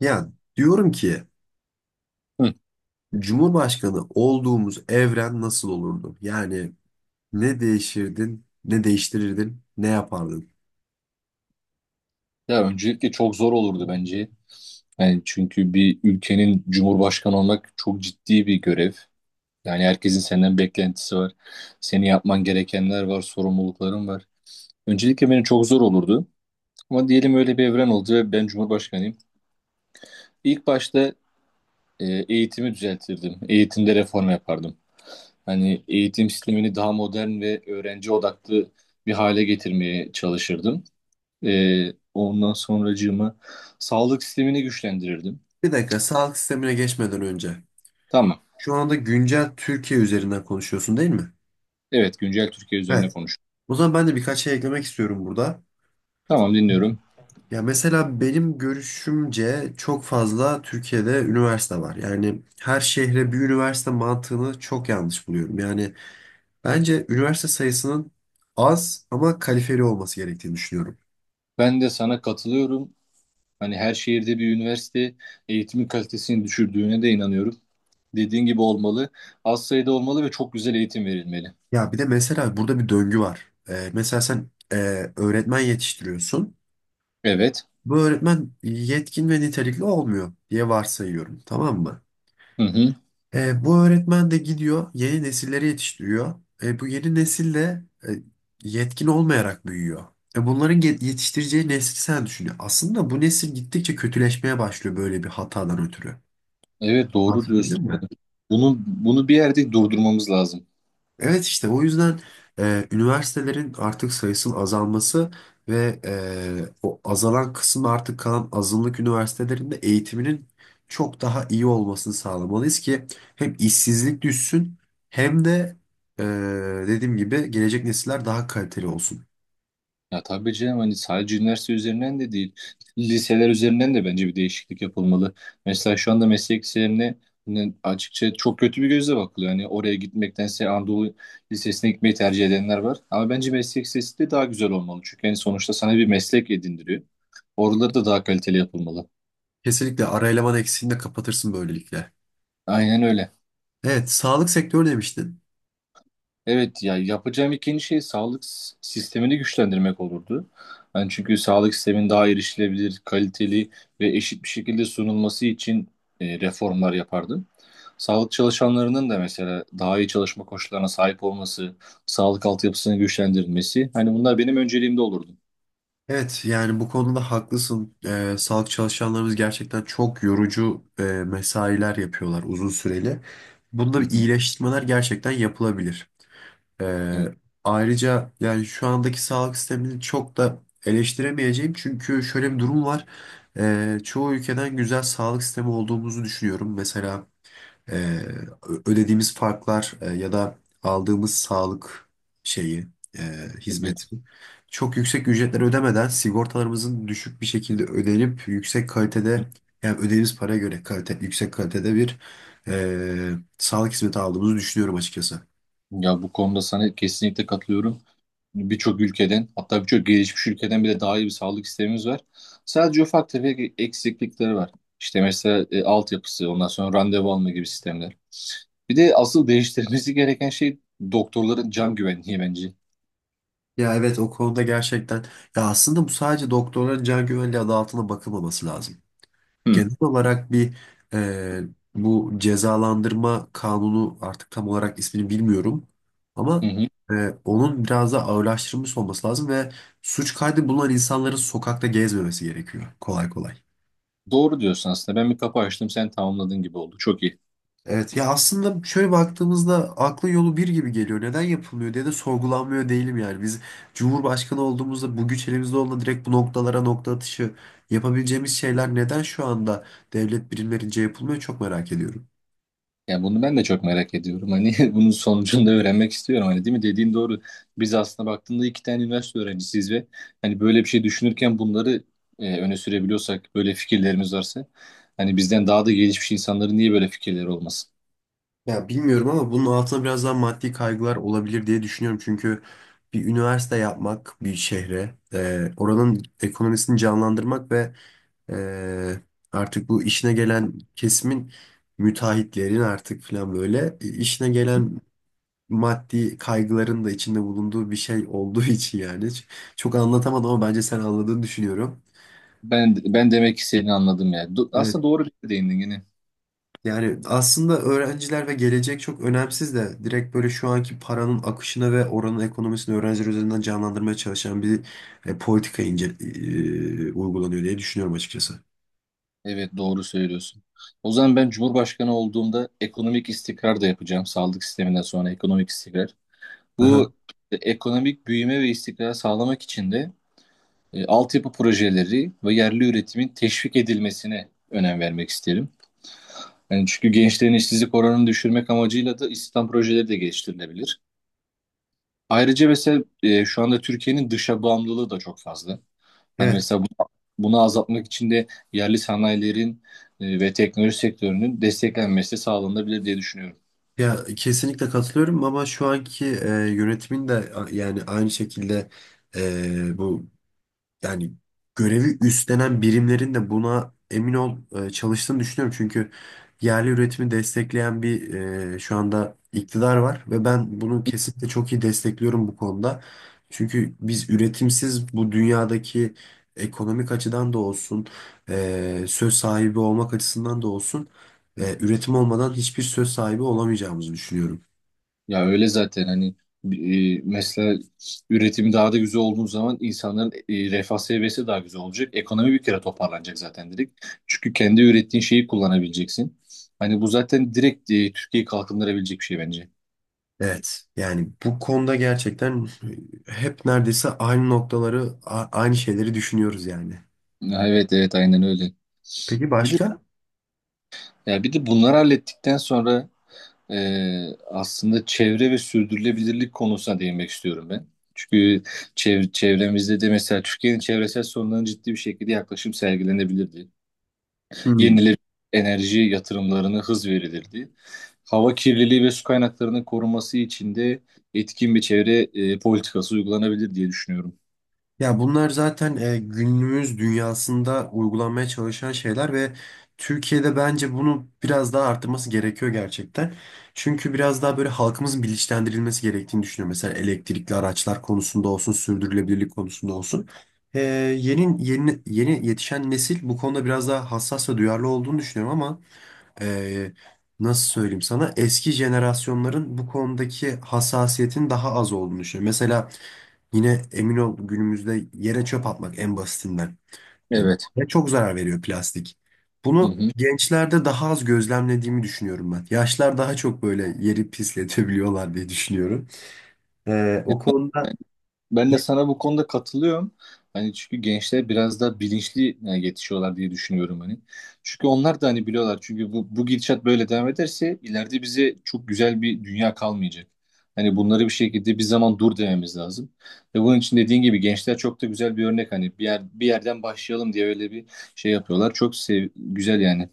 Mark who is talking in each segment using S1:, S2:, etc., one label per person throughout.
S1: Ya diyorum ki,
S2: Hı.
S1: Cumhurbaşkanı olduğumuz evren nasıl olurdu? Yani ne değişirdin, ne değiştirirdin, ne yapardın?
S2: Ya öncelikle çok zor olurdu bence. Yani çünkü bir ülkenin cumhurbaşkanı olmak çok ciddi bir görev. Yani herkesin senden beklentisi var. Senin yapman gerekenler var, sorumlulukların var. Öncelikle benim çok zor olurdu. Ama diyelim öyle bir evren oldu ve ben cumhurbaşkanıyım. İlk başta eğitimi düzeltirdim. Eğitimde reform yapardım. Hani eğitim sistemini daha modern ve öğrenci odaklı bir hale getirmeye çalışırdım. Ondan sonracığıma sağlık sistemini güçlendirirdim.
S1: Bir dakika, sağlık sistemine geçmeden önce.
S2: Tamam.
S1: Şu anda güncel Türkiye üzerinden konuşuyorsun, değil mi?
S2: Evet, güncel Türkiye üzerine
S1: Evet.
S2: konuş.
S1: O zaman ben de birkaç şey eklemek istiyorum burada.
S2: Tamam, dinliyorum.
S1: Ya mesela benim görüşümce çok fazla Türkiye'de üniversite var. Yani her şehre bir üniversite mantığını çok yanlış buluyorum. Yani bence üniversite sayısının az ama kalifeli olması gerektiğini düşünüyorum.
S2: Ben de sana katılıyorum. Hani her şehirde bir üniversite eğitimin kalitesini düşürdüğüne de inanıyorum. Dediğin gibi olmalı. Az sayıda olmalı ve çok güzel eğitim verilmeli.
S1: Ya bir de mesela burada bir döngü var. Mesela sen öğretmen yetiştiriyorsun.
S2: Evet.
S1: Bu öğretmen yetkin ve nitelikli olmuyor diye varsayıyorum, tamam mı?
S2: Hı hı.
S1: Bu öğretmen de gidiyor, yeni nesilleri yetiştiriyor. Bu yeni nesil de yetkin olmayarak büyüyor. Bunların yetiştireceği nesli sen düşünüyor. Aslında bu nesil gittikçe kötüleşmeye başlıyor böyle bir hatadan ötürü.
S2: Evet, doğru
S1: Anlatabildim
S2: diyorsun.
S1: mi?
S2: Bunu bir yerde durdurmamız lazım.
S1: Evet, işte o yüzden üniversitelerin artık sayısının azalması ve o azalan kısmı artık kalan azınlık üniversitelerinde eğitiminin çok daha iyi olmasını sağlamalıyız ki hem işsizlik düşsün hem de e, dediğim gibi gelecek nesiller daha kaliteli olsun.
S2: Ya tabii canım hani sadece üniversite üzerinden de değil, liseler üzerinden de bence bir değişiklik yapılmalı. Mesela şu anda meslek liselerine hani açıkça çok kötü bir gözle bakılıyor. Hani oraya gitmektense Anadolu Lisesi'ne gitmeyi tercih edenler var. Ama bence meslek lisesi de daha güzel olmalı. Çünkü hani sonuçta sana bir meslek edindiriyor. Oraları da daha kaliteli yapılmalı.
S1: Kesinlikle ara eleman eksiğini de kapatırsın böylelikle.
S2: Aynen öyle.
S1: Evet, sağlık sektörü demiştin.
S2: Evet ya yapacağım ikinci şey sağlık sistemini güçlendirmek olurdu. Yani çünkü sağlık sistemin daha erişilebilir, kaliteli ve eşit bir şekilde sunulması için reformlar yapardım. Sağlık çalışanlarının da mesela daha iyi çalışma koşullarına sahip olması, sağlık altyapısını güçlendirilmesi hani bunlar benim önceliğimde olurdu.
S1: Evet, yani bu konuda haklısın. Sağlık çalışanlarımız gerçekten çok yorucu mesailer yapıyorlar uzun süreli. Bunda
S2: Hı
S1: bir
S2: hı.
S1: iyileştirmeler gerçekten yapılabilir. Ee,
S2: Evet,
S1: ayrıca yani şu andaki sağlık sistemini çok da eleştiremeyeceğim. Çünkü şöyle bir durum var. Çoğu ülkeden güzel sağlık sistemi olduğumuzu düşünüyorum. Mesela e, ödediğimiz farklar, ya da aldığımız sağlık şeyi, e,
S2: evet.
S1: hizmeti, çok yüksek ücretler ödemeden sigortalarımızın düşük bir şekilde ödenip yüksek kalitede, yani ödediğimiz paraya göre kalite, yüksek kalitede bir e, sağlık hizmeti aldığımızı düşünüyorum açıkçası.
S2: Ya bu konuda sana kesinlikle katılıyorum. Birçok ülkeden hatta birçok gelişmiş ülkeden bile daha iyi bir sağlık sistemimiz var. Sadece ufak tefek eksiklikleri var. İşte mesela altyapısı, ondan sonra randevu alma gibi sistemler. Bir de asıl değiştirmesi gereken şey doktorların can güvenliği bence.
S1: Ya evet, o konuda gerçekten, ya aslında bu sadece doktorların can güvenliği adı altında bakılmaması lazım.
S2: Hı.
S1: Genel olarak bir e, bu cezalandırma kanunu, artık tam olarak ismini bilmiyorum
S2: Hı
S1: ama
S2: hı.
S1: e, onun biraz da ağırlaştırılmış olması lazım ve suç kaydı bulunan insanların sokakta gezmemesi gerekiyor kolay kolay.
S2: Doğru diyorsun aslında. Ben bir kapı açtım, sen tamamladın gibi oldu. Çok iyi.
S1: Evet ya, aslında şöyle baktığımızda aklı yolu bir gibi geliyor. Neden yapılmıyor diye de sorgulanmıyor değilim yani. Biz Cumhurbaşkanı olduğumuzda, bu güç elimizde olduğunda, direkt bu noktalara nokta atışı yapabileceğimiz şeyler neden şu anda devlet birimlerince yapılmıyor, çok merak ediyorum.
S2: Ya bunu ben de çok merak ediyorum. Hani bunun sonucunu da öğrenmek istiyorum. Hani değil mi? Dediğin doğru. Biz aslında baktığında iki tane üniversite öğrencisiyiz ve hani böyle bir şey düşünürken bunları öne sürebiliyorsak, böyle fikirlerimiz varsa hani bizden daha da gelişmiş insanların niye böyle fikirleri olmasın?
S1: Ya bilmiyorum ama bunun altına biraz daha maddi kaygılar olabilir diye düşünüyorum. Çünkü bir üniversite yapmak bir şehre, oranın ekonomisini canlandırmak ve e, artık bu işine gelen kesimin, müteahhitlerin artık falan böyle işine gelen maddi kaygıların da içinde bulunduğu bir şey olduğu için yani. Çok anlatamadım ama bence sen anladığını düşünüyorum.
S2: Ben demek ki seni anladım ya. Aslında
S1: Evet.
S2: doğru bir değindin yine.
S1: Yani aslında öğrenciler ve gelecek çok önemsiz de, direkt böyle şu anki paranın akışını ve oranın ekonomisini öğrenciler üzerinden canlandırmaya çalışan bir politika ince, uygulanıyor diye düşünüyorum açıkçası.
S2: Evet doğru söylüyorsun. O zaman ben Cumhurbaşkanı olduğumda ekonomik istikrar da yapacağım. Sağlık sisteminden sonra ekonomik istikrar.
S1: Aha.
S2: Bu ekonomik büyüme ve istikrar sağlamak için de altyapı projeleri ve yerli üretimin teşvik edilmesine önem vermek isterim. Yani çünkü gençlerin işsizlik oranını düşürmek amacıyla da istihdam projeleri de geliştirilebilir. Ayrıca mesela şu anda Türkiye'nin dışa bağımlılığı da çok fazla. Hani
S1: Evet.
S2: mesela bunu azaltmak için de yerli sanayilerin ve teknoloji sektörünün desteklenmesi sağlanabilir diye düşünüyorum.
S1: Ya kesinlikle katılıyorum ama şu anki yönetimin de yani aynı şekilde bu, yani görevi üstlenen birimlerin de buna emin ol çalıştığını düşünüyorum. Çünkü yerli üretimi destekleyen bir, şu anda iktidar var ve ben bunu kesinlikle çok iyi destekliyorum bu konuda. Çünkü biz üretimsiz bu dünyadaki ekonomik açıdan da olsun, söz sahibi olmak açısından da olsun, üretim olmadan hiçbir söz sahibi olamayacağımızı düşünüyorum.
S2: Ya öyle zaten hani mesela üretim daha da güzel olduğu zaman insanların refah seviyesi daha güzel olacak. Ekonomi bir kere toparlanacak zaten direkt. Çünkü kendi ürettiğin şeyi kullanabileceksin. Hani bu zaten direkt Türkiye'yi kalkındırabilecek bir şey bence.
S1: Evet. Yani bu konuda gerçekten hep neredeyse aynı noktaları, aynı şeyleri düşünüyoruz yani.
S2: Ya evet evet aynen öyle.
S1: Peki
S2: Bir de
S1: başka?
S2: ya bir de bunları hallettikten sonra aslında çevre ve sürdürülebilirlik konusuna değinmek istiyorum ben. Çünkü çevremizde de mesela Türkiye'nin çevresel sorunlarına ciddi bir şekilde yaklaşım sergilenebilirdi.
S1: Hmm.
S2: Yenilenebilir enerji yatırımlarına hız verilirdi. Hava kirliliği ve su kaynaklarının korunması için de etkin bir çevre politikası uygulanabilir diye düşünüyorum.
S1: Ya bunlar zaten günümüz dünyasında uygulanmaya çalışan şeyler ve Türkiye'de bence bunu biraz daha arttırması gerekiyor gerçekten. Çünkü biraz daha böyle halkımızın bilinçlendirilmesi gerektiğini düşünüyorum. Mesela elektrikli araçlar konusunda olsun, sürdürülebilirlik konusunda olsun. E, yeni, yeni yetişen nesil bu konuda biraz daha hassas ve duyarlı olduğunu düşünüyorum ama e, nasıl söyleyeyim sana, eski jenerasyonların bu konudaki hassasiyetin daha az olduğunu düşünüyorum. Mesela yine emin ol günümüzde yere çöp atmak en basitinden. E,
S2: Evet.
S1: Ve çok zarar veriyor plastik.
S2: Hı
S1: Bunu
S2: hı.
S1: gençlerde daha az gözlemlediğimi düşünüyorum ben. Yaşlar daha çok böyle yeri pisletebiliyorlar diye düşünüyorum. E, o konuda
S2: Ben de sana bu konuda katılıyorum. Hani çünkü gençler biraz daha bilinçli yani yetişiyorlar diye düşünüyorum hani. Çünkü onlar da hani biliyorlar. Çünkü bu gidişat böyle devam ederse ileride bize çok güzel bir dünya kalmayacak. Hani bunları bir şekilde bir zaman dur dememiz lazım. Ve bunun için dediğin gibi gençler çok da güzel bir örnek. Hani bir yer, bir yerden başlayalım diye öyle bir şey yapıyorlar. Çok sev güzel yani.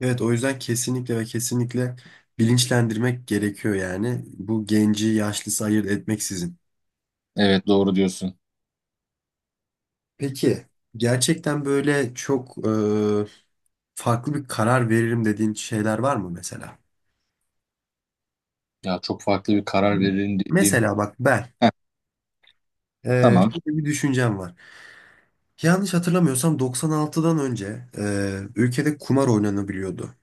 S1: evet, o yüzden kesinlikle ve kesinlikle bilinçlendirmek gerekiyor yani. Bu genci yaşlısı ayırt etmeksizin.
S2: Evet doğru diyorsun.
S1: Peki gerçekten böyle çok farklı bir karar veririm dediğin şeyler var mı mesela?
S2: Ya çok farklı bir karar verelim dediğim.
S1: Mesela bak ben,
S2: Heh, tamam.
S1: Şöyle bir düşüncem var. Yanlış hatırlamıyorsam 96'dan önce ülkede kumar oynanabiliyordu.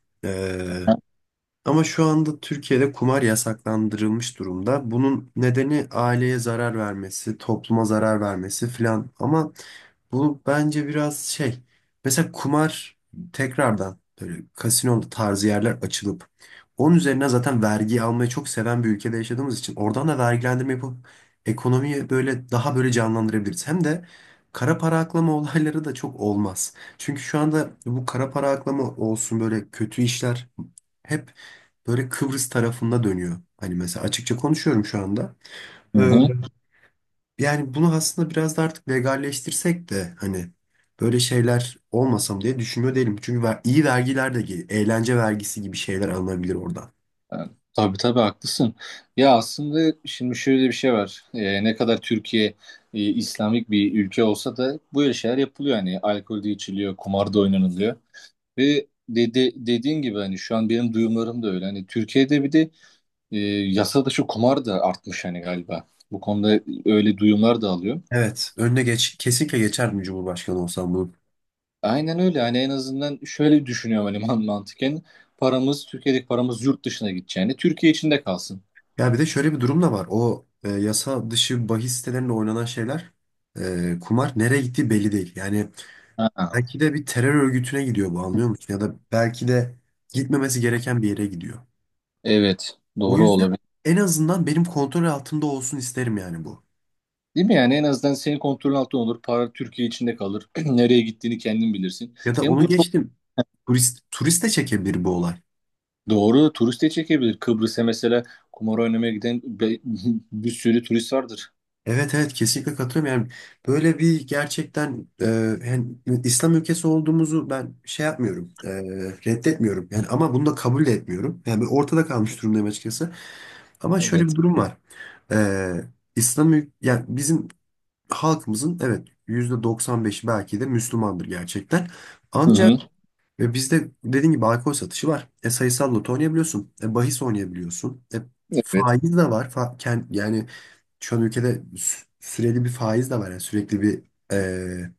S1: Ama şu anda Türkiye'de kumar yasaklandırılmış durumda. Bunun nedeni aileye zarar vermesi, topluma zarar vermesi filan. Ama bu bence biraz şey. Mesela kumar tekrardan böyle kasino tarzı yerler açılıp, onun üzerine zaten vergi almayı çok seven bir ülkede yaşadığımız için oradan da vergilendirme yapıp ekonomiyi böyle daha böyle canlandırabiliriz. Hem de kara para aklama olayları da çok olmaz. Çünkü şu anda bu kara para aklama olsun, böyle kötü işler hep böyle Kıbrıs tarafında dönüyor. Hani mesela açıkça konuşuyorum şu anda.
S2: Hı
S1: Ee,
S2: hı.
S1: yani bunu aslında biraz da artık legalleştirsek de hani böyle şeyler olmasam diye düşünüyor değilim. Çünkü iyi vergiler de geliyor. Eğlence vergisi gibi şeyler alınabilir oradan.
S2: Tabii tabii haklısın. Ya aslında şimdi şöyle bir şey var. Ne kadar Türkiye İslamik bir ülke olsa da böyle şeyler yapılıyor. Hani alkol de içiliyor, kumar da oynanılıyor. Dediğin gibi hani şu an benim duyumlarım da öyle. Hani Türkiye'de bir de e, yasa dışı kumar da artmış hani galiba. Bu konuda öyle duyumlar da alıyor.
S1: Evet, önüne geç, kesinlikle geçerdim Cumhurbaşkanı olsam bunu.
S2: Aynen öyle. Hani en azından şöyle düşünüyorum hani mantıken. Paramız, Türkiye'deki paramız yurt dışına gideceğini, Türkiye içinde kalsın.
S1: Ya bir de şöyle bir durum da var. O yasa dışı bahis sitelerinde oynanan şeyler, kumar nereye gittiği belli değil. Yani
S2: Ha,
S1: belki de bir terör örgütüne gidiyor bu, anlıyor musun? Ya da belki de gitmemesi gereken bir yere gidiyor.
S2: evet,
S1: O
S2: doğru
S1: yüzden
S2: olabilir.
S1: en azından benim kontrol altımda olsun isterim yani bu.
S2: Değil mi yani en azından senin kontrolün altında olur. Para Türkiye içinde kalır. Nereye gittiğini kendin bilirsin.
S1: Ya da
S2: Hem
S1: onu
S2: bu çok
S1: geçtim. Turist, turist de çekebilir bu olay.
S2: doğru turist de çekebilir. Kıbrıs'a mesela kumar oynamaya giden bir sürü turist vardır.
S1: Evet evet, kesinlikle katılıyorum. Yani böyle bir gerçekten yani İslam ülkesi olduğumuzu ben şey yapmıyorum. Reddetmiyorum. Yani ama bunu da kabul de etmiyorum. Yani ben ortada kalmış durumdayım açıkçası. Ama şöyle bir
S2: Evet.
S1: durum var. E, yani bizim halkımızın, evet, %95 belki de Müslümandır gerçekten.
S2: Hı
S1: Ancak
S2: hı.
S1: ve bizde dediğim gibi alkol satışı var. Sayısal loto oynayabiliyorsun. Bahis oynayabiliyorsun.
S2: Evet.
S1: Faiz de var. Yani şu an ülkede süreli bir faiz de var. Yani sürekli bir e,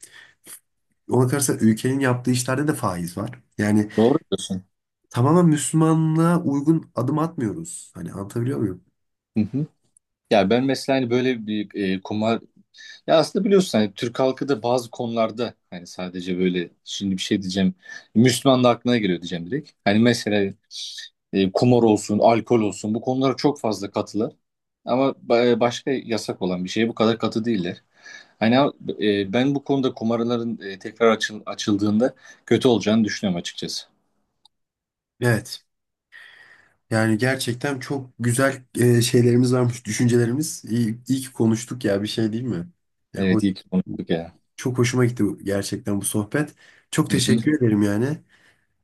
S1: ona karşı ülkenin yaptığı işlerde de faiz var. Yani
S2: Doğru diyorsun.
S1: tamamen Müslümanlığa uygun adım atmıyoruz. Hani anlatabiliyor muyum?
S2: Hı hı. Ya ben mesela hani böyle bir kumar ya aslında biliyorsun hani Türk halkı da bazı konularda hani sadece böyle şimdi bir şey diyeceğim Müslüman da aklına geliyor diyeceğim direkt. Hani mesela kumar olsun, alkol olsun bu konulara çok fazla katılar. Ama başka yasak olan bir şeye bu kadar katı değiller. Hani ben bu konuda kumarların tekrar açıldığında kötü olacağını düşünüyorum açıkçası.
S1: Evet. Yani gerçekten çok güzel şeylerimiz varmış, düşüncelerimiz. İyi, iyi ki konuştuk ya, bir şey değil mi? Ya, hoş.
S2: Evet iyi ki konuştuk ya.
S1: Çok hoşuma gitti gerçekten bu sohbet. Çok
S2: Hı hı.
S1: teşekkür ederim yani.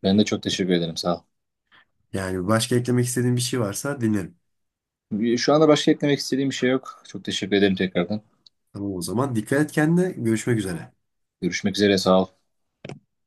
S2: Ben de çok teşekkür ederim sağ ol.
S1: Yani başka eklemek istediğin bir şey varsa dinlerim.
S2: Şu anda başka eklemek istediğim bir şey yok. Çok teşekkür ederim tekrardan.
S1: Tamam o zaman. Dikkat et kendine. Görüşmek üzere.
S2: Görüşmek üzere sağ ol.